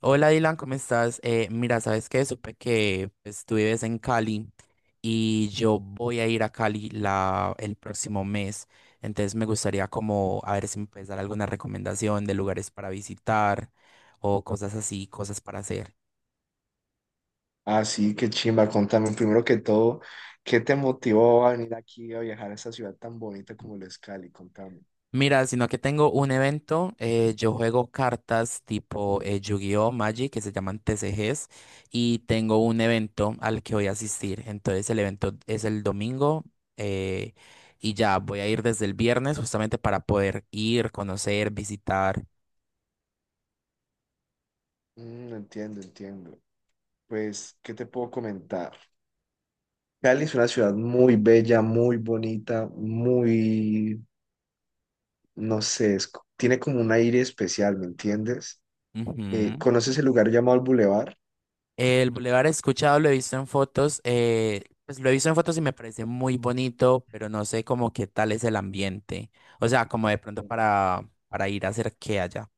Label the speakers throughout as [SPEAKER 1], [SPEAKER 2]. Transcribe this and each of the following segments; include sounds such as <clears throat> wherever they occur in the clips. [SPEAKER 1] Hola Dylan, ¿cómo estás? Mira, ¿sabes qué? Supe que pues, tú vives en Cali y yo voy a ir a Cali el próximo mes. Entonces me gustaría como a ver si me puedes dar alguna recomendación de lugares para visitar o cosas así, cosas para hacer.
[SPEAKER 2] Ah, sí, qué chimba. Contame primero que todo, ¿qué te motivó a venir aquí a viajar a esta ciudad tan bonita como lo es Cali? Contame.
[SPEAKER 1] Mira, sino que tengo un evento, yo juego cartas tipo Yu-Gi-Oh, Magic, que se llaman TCGs, y tengo un evento al que voy a asistir. Entonces el evento es el domingo, eh, y ya voy a ir desde el viernes justamente para poder ir, conocer, visitar.
[SPEAKER 2] Entiendo. Pues, ¿qué te puedo comentar? Cali es una ciudad muy bella, muy bonita, muy, no sé, tiene como un aire especial, ¿me entiendes?
[SPEAKER 1] Ujú.
[SPEAKER 2] ¿Conoces el lugar llamado el Boulevard?
[SPEAKER 1] El bulevar he escuchado, lo he visto en fotos, pues lo he visto en fotos y me parece muy bonito, pero no sé como qué tal es el ambiente. O sea, como de pronto para ir a hacer qué allá.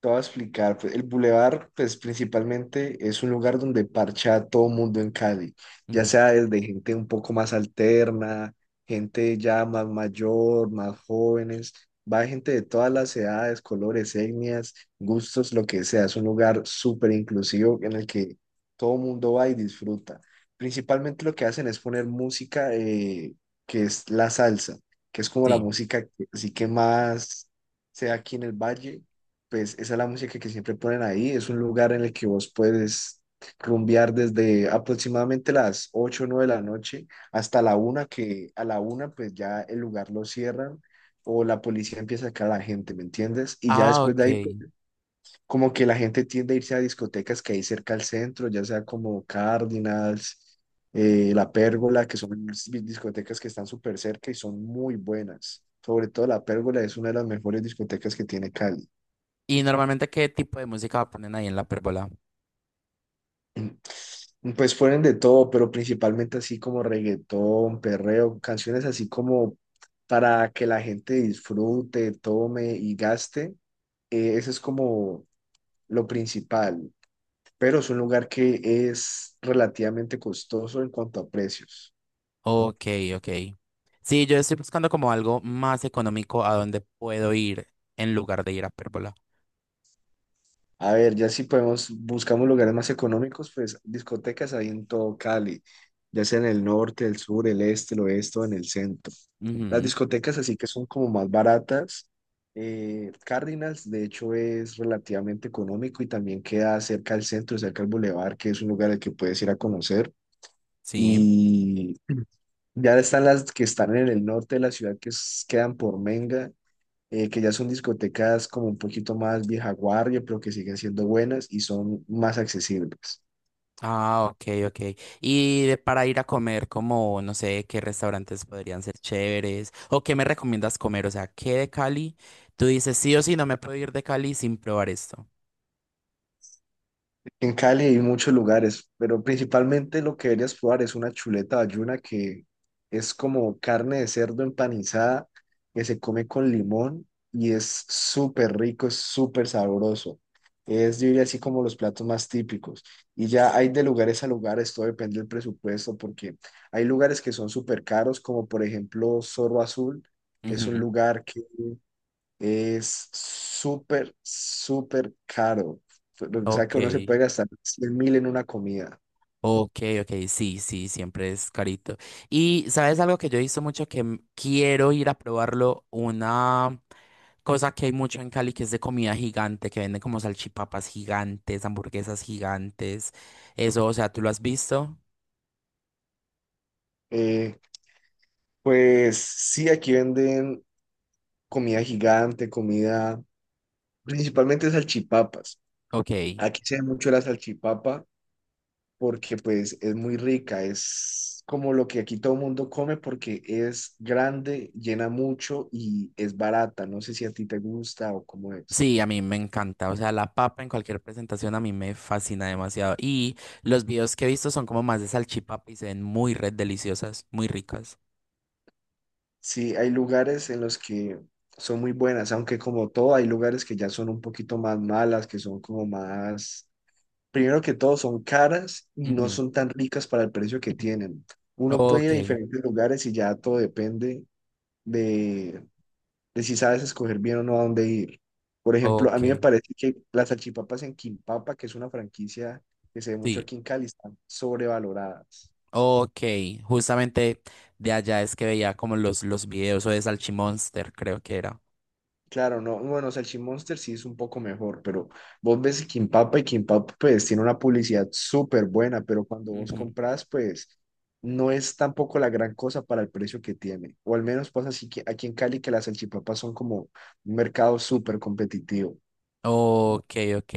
[SPEAKER 2] Te voy a explicar, pues, el bulevar pues principalmente es un lugar donde parcha a todo mundo en Cali, ya sea desde gente un poco más alterna, gente ya más mayor, más jóvenes, va gente de todas las edades, colores, etnias, gustos, lo que sea. Es un lugar súper inclusivo en el que todo mundo va y disfruta. Principalmente lo que hacen es poner música que es la salsa, que es como la
[SPEAKER 1] Sí.
[SPEAKER 2] música que, así que más sea aquí en el valle, pues esa es la música que siempre ponen ahí. Es un lugar en el que vos puedes rumbear desde aproximadamente las 8 o 9 de la noche hasta la una, que a la una pues ya el lugar lo cierran o la policía empieza a sacar a la gente, ¿me entiendes? Y ya
[SPEAKER 1] Ah,
[SPEAKER 2] después
[SPEAKER 1] ok.
[SPEAKER 2] de ahí, pues, como que la gente tiende a irse a discotecas que hay cerca al centro, ya sea como Cardinals, La Pérgola, que son discotecas que están súper cerca y son muy buenas. Sobre todo La Pérgola es una de las mejores discotecas que tiene Cali.
[SPEAKER 1] ¿Y normalmente qué tipo de música ponen ahí en la pérgola?
[SPEAKER 2] Pues fueron de todo, pero principalmente así como reggaetón, perreo, canciones así como para que la gente disfrute, tome y gaste. Eso es como lo principal, pero es un lugar que es relativamente costoso en cuanto a precios.
[SPEAKER 1] Ok, ok. Sí, yo estoy buscando como algo más económico a donde puedo ir en lugar de ir a pérgola.
[SPEAKER 2] A ver, ya si podemos, buscamos lugares más económicos, pues discotecas hay en todo Cali, ya sea en el norte, el sur, el este, el oeste o en el centro. Las
[SPEAKER 1] Ujú,
[SPEAKER 2] discotecas así que son como más baratas. Cárdenas, de hecho, es relativamente económico y también queda cerca al centro, cerca al bulevar, que es un lugar al que puedes ir a conocer.
[SPEAKER 1] sí.
[SPEAKER 2] Y ya están las que están en el norte de la ciudad, quedan por Menga, que ya son discotecas como un poquito más vieja guardia, pero que siguen siendo buenas y son más accesibles.
[SPEAKER 1] Ah, ok, ok. Y para ir a comer, como, no sé, qué restaurantes podrían ser chéveres o qué me recomiendas comer, o sea, qué de Cali. Tú dices, sí o sí, no me puedo ir de Cali sin probar esto.
[SPEAKER 2] En Cali hay muchos lugares, pero principalmente lo que deberías probar es una chuleta bayuna, que es como carne de cerdo empanizada que se come con limón y es súper rico, es súper sabroso. Es, yo diría, así como los platos más típicos. Y ya hay de lugares a lugares, todo depende del presupuesto, porque hay lugares que son súper caros, como por ejemplo Zorro Azul, es un
[SPEAKER 1] Ujú.
[SPEAKER 2] lugar que es súper, súper caro. O sea
[SPEAKER 1] Ok.
[SPEAKER 2] que uno se puede gastar 100 mil en una comida.
[SPEAKER 1] Ok, ok, sí, sí, siempre es carito. Y sabes algo que yo he visto mucho que quiero ir a probarlo, una cosa que hay mucho en Cali que es de comida gigante, que venden como salchipapas gigantes, hamburguesas gigantes. Eso, o sea, ¿tú lo has visto?
[SPEAKER 2] Eh, pues sí, aquí venden comida gigante, comida, principalmente salchipapas.
[SPEAKER 1] Ok.
[SPEAKER 2] Aquí se ve mucho la salchipapa porque pues es muy rica, es como lo que aquí todo el mundo come porque es grande, llena mucho y es barata. No sé si a ti te gusta o cómo es.
[SPEAKER 1] Sí, a mí me encanta. O sea, la papa en cualquier presentación a mí me fascina demasiado. Y los videos que he visto son como más de salchipapa y se ven muy red deliciosas, muy ricas.
[SPEAKER 2] Sí, hay lugares en los que son muy buenas, aunque como todo hay lugares que ya son un poquito más malas, que son como más, primero que todo son caras y no
[SPEAKER 1] Ujú.
[SPEAKER 2] son tan ricas para el precio que
[SPEAKER 1] <laughs>
[SPEAKER 2] tienen. Uno puede ir a
[SPEAKER 1] Ok,
[SPEAKER 2] diferentes lugares y ya todo depende de, de si sabes escoger bien o no a dónde ir. Por ejemplo, a
[SPEAKER 1] ok,
[SPEAKER 2] mí me parece que las salchipapas en Quimpapa, que es una franquicia que se ve mucho
[SPEAKER 1] sí.
[SPEAKER 2] aquí en Cali, están sobrevaloradas.
[SPEAKER 1] Ok, justamente de allá es que veía como los videos o de Salchimonster, creo que era.
[SPEAKER 2] Claro, no, bueno, Salchimonster sí es un poco mejor, pero vos ves Kimpapa y Kimpapa pues tiene una publicidad súper buena, pero cuando vos
[SPEAKER 1] Ujú.
[SPEAKER 2] compras pues no es tampoco la gran cosa para el precio que tiene, o al menos pasa así que aquí en Cali que las salchipapas son como un mercado súper competitivo.
[SPEAKER 1] Ok, ok.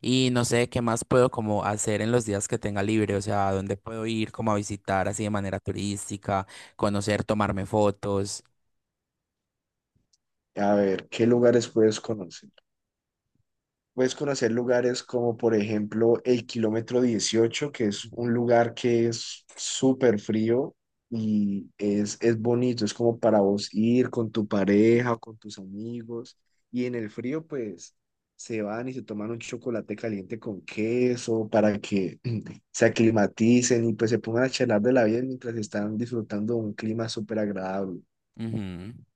[SPEAKER 1] Y no sé qué más puedo como hacer en los días que tenga libre, o sea, dónde puedo ir como a visitar así de manera turística, conocer, tomarme fotos.
[SPEAKER 2] A ver, ¿qué lugares puedes conocer? Puedes conocer lugares como, por ejemplo, el kilómetro 18, que es
[SPEAKER 1] Ujú.
[SPEAKER 2] un lugar que es súper frío y es bonito, es como para vos ir con tu pareja, con tus amigos. Y en el frío, pues, se van y se toman un chocolate caliente con queso para que <clears throat> se aclimaticen y pues se pongan a charlar de la vida mientras están disfrutando de un clima súper agradable.
[SPEAKER 1] Ujú,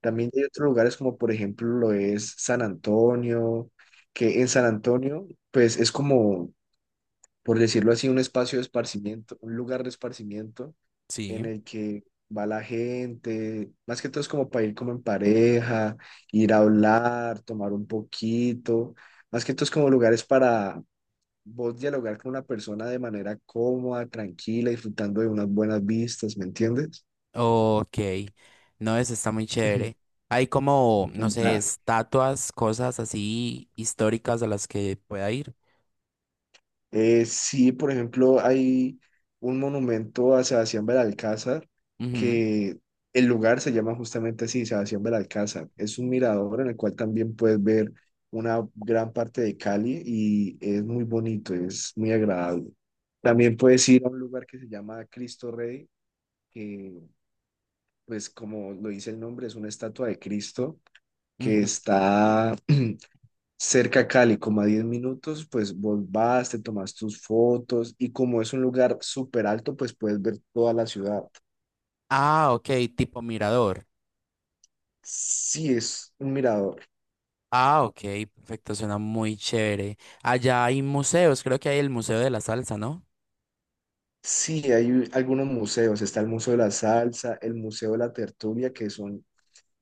[SPEAKER 2] También hay otros lugares como por ejemplo lo es San Antonio, que en San Antonio pues es como, por decirlo así, un espacio de esparcimiento, un lugar de esparcimiento en
[SPEAKER 1] sí.
[SPEAKER 2] el que va la gente, más que todo es como para ir como en pareja, ir a hablar, tomar un poquito, más que todo es como lugares para vos dialogar con una persona de manera cómoda, tranquila, disfrutando de unas buenas vistas, ¿me entiendes?
[SPEAKER 1] Ok, no, eso está muy chévere.
[SPEAKER 2] <laughs>
[SPEAKER 1] Hay como, no sé,
[SPEAKER 2] Ya.
[SPEAKER 1] estatuas, cosas así históricas a las que pueda ir.
[SPEAKER 2] Sí, por ejemplo, hay un monumento a Sebastián Belalcázar,
[SPEAKER 1] Ujú,
[SPEAKER 2] que el lugar se llama justamente así, Sebastián Belalcázar. Es un mirador en el cual también puedes ver una gran parte de Cali y es muy bonito, es muy agradable. También puedes ir a un lugar que se llama Cristo Rey, que pues como lo dice el nombre, es una estatua de Cristo que
[SPEAKER 1] ujú.
[SPEAKER 2] está <clears throat> cerca a Cali, como a 10 minutos, pues vos vas, te tomas tus fotos y como es un lugar súper alto, pues puedes ver toda la ciudad.
[SPEAKER 1] Ah, ok, tipo mirador.
[SPEAKER 2] Sí, es un mirador.
[SPEAKER 1] Ah, ok, perfecto, suena muy chévere. Allá hay museos, creo que hay el Museo de la Salsa, ¿no?
[SPEAKER 2] Sí, hay algunos museos. Está el Museo de la Salsa, el Museo de la Tertulia, que son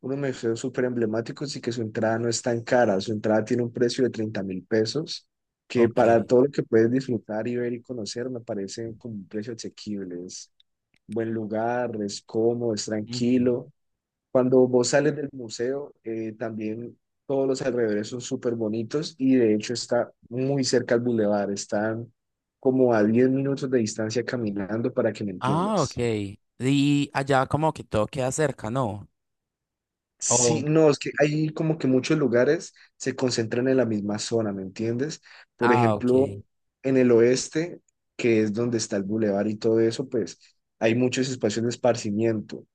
[SPEAKER 2] unos museos súper emblemáticos y que su entrada no es tan cara. Su entrada tiene un precio de 30.000 pesos, que
[SPEAKER 1] Ok.
[SPEAKER 2] para todo lo que puedes disfrutar y ver y conocer me parece como un precio asequible. Es buen lugar, es cómodo, es
[SPEAKER 1] Ujú.
[SPEAKER 2] tranquilo. Cuando vos sales del museo, también todos los alrededores son súper bonitos y de hecho está muy cerca al bulevar, están como a 10 minutos de distancia caminando, para que me
[SPEAKER 1] Ah, ok.
[SPEAKER 2] entiendas.
[SPEAKER 1] Y allá como que todo queda cerca, ¿no? Oh.
[SPEAKER 2] Sí, no, es que hay como que muchos lugares se concentran en la misma zona, ¿me entiendes? Por
[SPEAKER 1] Ah,
[SPEAKER 2] ejemplo,
[SPEAKER 1] ok.
[SPEAKER 2] en el oeste, que es donde está el bulevar y todo eso, pues hay muchos espacios de esparcimiento.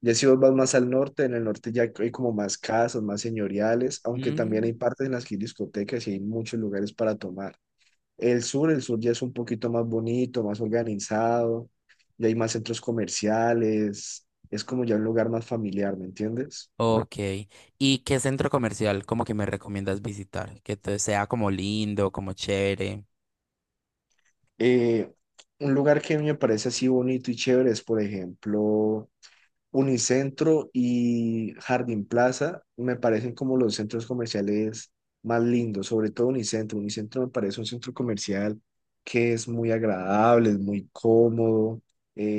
[SPEAKER 2] Ya si vos vas más al norte, en el norte ya hay como más casas, más señoriales, aunque también
[SPEAKER 1] Mm.
[SPEAKER 2] hay partes en las que hay discotecas y hay muchos lugares para tomar. El sur ya es un poquito más bonito, más organizado, ya hay más centros comerciales, es como ya un lugar más familiar, ¿me entiendes?
[SPEAKER 1] Ok. ¿Y qué centro comercial como que me recomiendas visitar? Que sea como lindo, como chévere.
[SPEAKER 2] Eh, un lugar que a mí me parece así bonito y chévere es, por ejemplo, Unicentro y Jardín Plaza, me parecen como los centros comerciales más lindos, sobre todo Unicentro. Unicentro me parece un centro comercial que es muy agradable, es muy cómodo,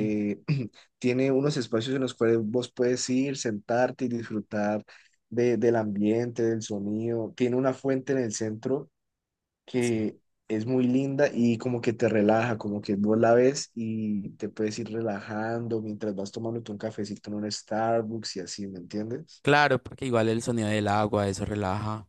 [SPEAKER 1] Mm,
[SPEAKER 2] <clears throat> tiene unos espacios en los cuales vos puedes ir, sentarte y disfrutar del ambiente, del sonido. Tiene una fuente en el centro
[SPEAKER 1] sí.
[SPEAKER 2] que es muy linda y como que te relaja, como que vos la ves y te puedes ir relajando mientras vas tomándote un cafecito en un Starbucks y así, ¿me entiendes?
[SPEAKER 1] Claro, porque igual el sonido del agua, eso relaja.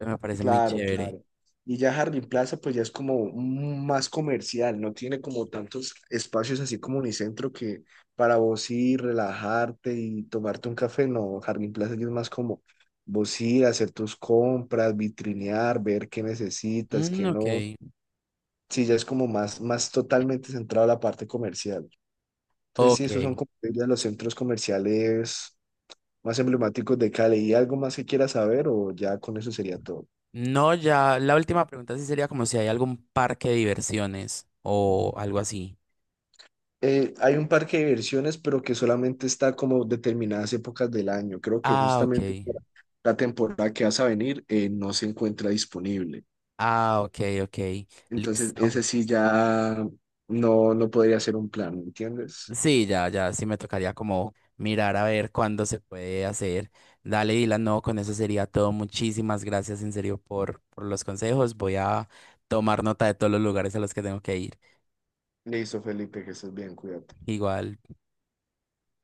[SPEAKER 1] Me parece muy
[SPEAKER 2] Claro,
[SPEAKER 1] chévere.
[SPEAKER 2] claro. Y ya Harlem Plaza pues ya es como más comercial, no tiene como tantos espacios así como Unicentro que para vos ir, relajarte y tomarte un café, no, Harlem Plaza ya es más como vos ir, hacer tus compras, vitrinear, ver qué necesitas,
[SPEAKER 1] Mm,
[SPEAKER 2] qué
[SPEAKER 1] ok.
[SPEAKER 2] no. Sí, ya es como más, más totalmente centrado a la parte comercial. Entonces, sí,
[SPEAKER 1] Ok.
[SPEAKER 2] esos son como yo diría, los centros comerciales más emblemáticos de Cali. ¿Y algo más que quieras saber o ya con eso sería todo?
[SPEAKER 1] No, ya, la última pregunta sí sería como si hay algún parque de diversiones o algo así.
[SPEAKER 2] Hay un parque de diversiones, pero que solamente está como determinadas épocas del año. Creo que
[SPEAKER 1] Ah, ok.
[SPEAKER 2] justamente para la temporada que vas a venir no se encuentra disponible.
[SPEAKER 1] Ah, ok, ok.
[SPEAKER 2] Entonces, ese
[SPEAKER 1] Listo.
[SPEAKER 2] sí ya no, no podría ser un plan, ¿me entiendes?
[SPEAKER 1] Sí, ya, ya, sí me tocaría como mirar a ver cuándo se puede hacer. Dale, Dylan, no, con eso sería todo. Muchísimas gracias en serio por los consejos. Voy a tomar nota de todos los lugares a los que tengo que ir.
[SPEAKER 2] Listo, Felipe, que estés bien, cuídate.
[SPEAKER 1] Igual.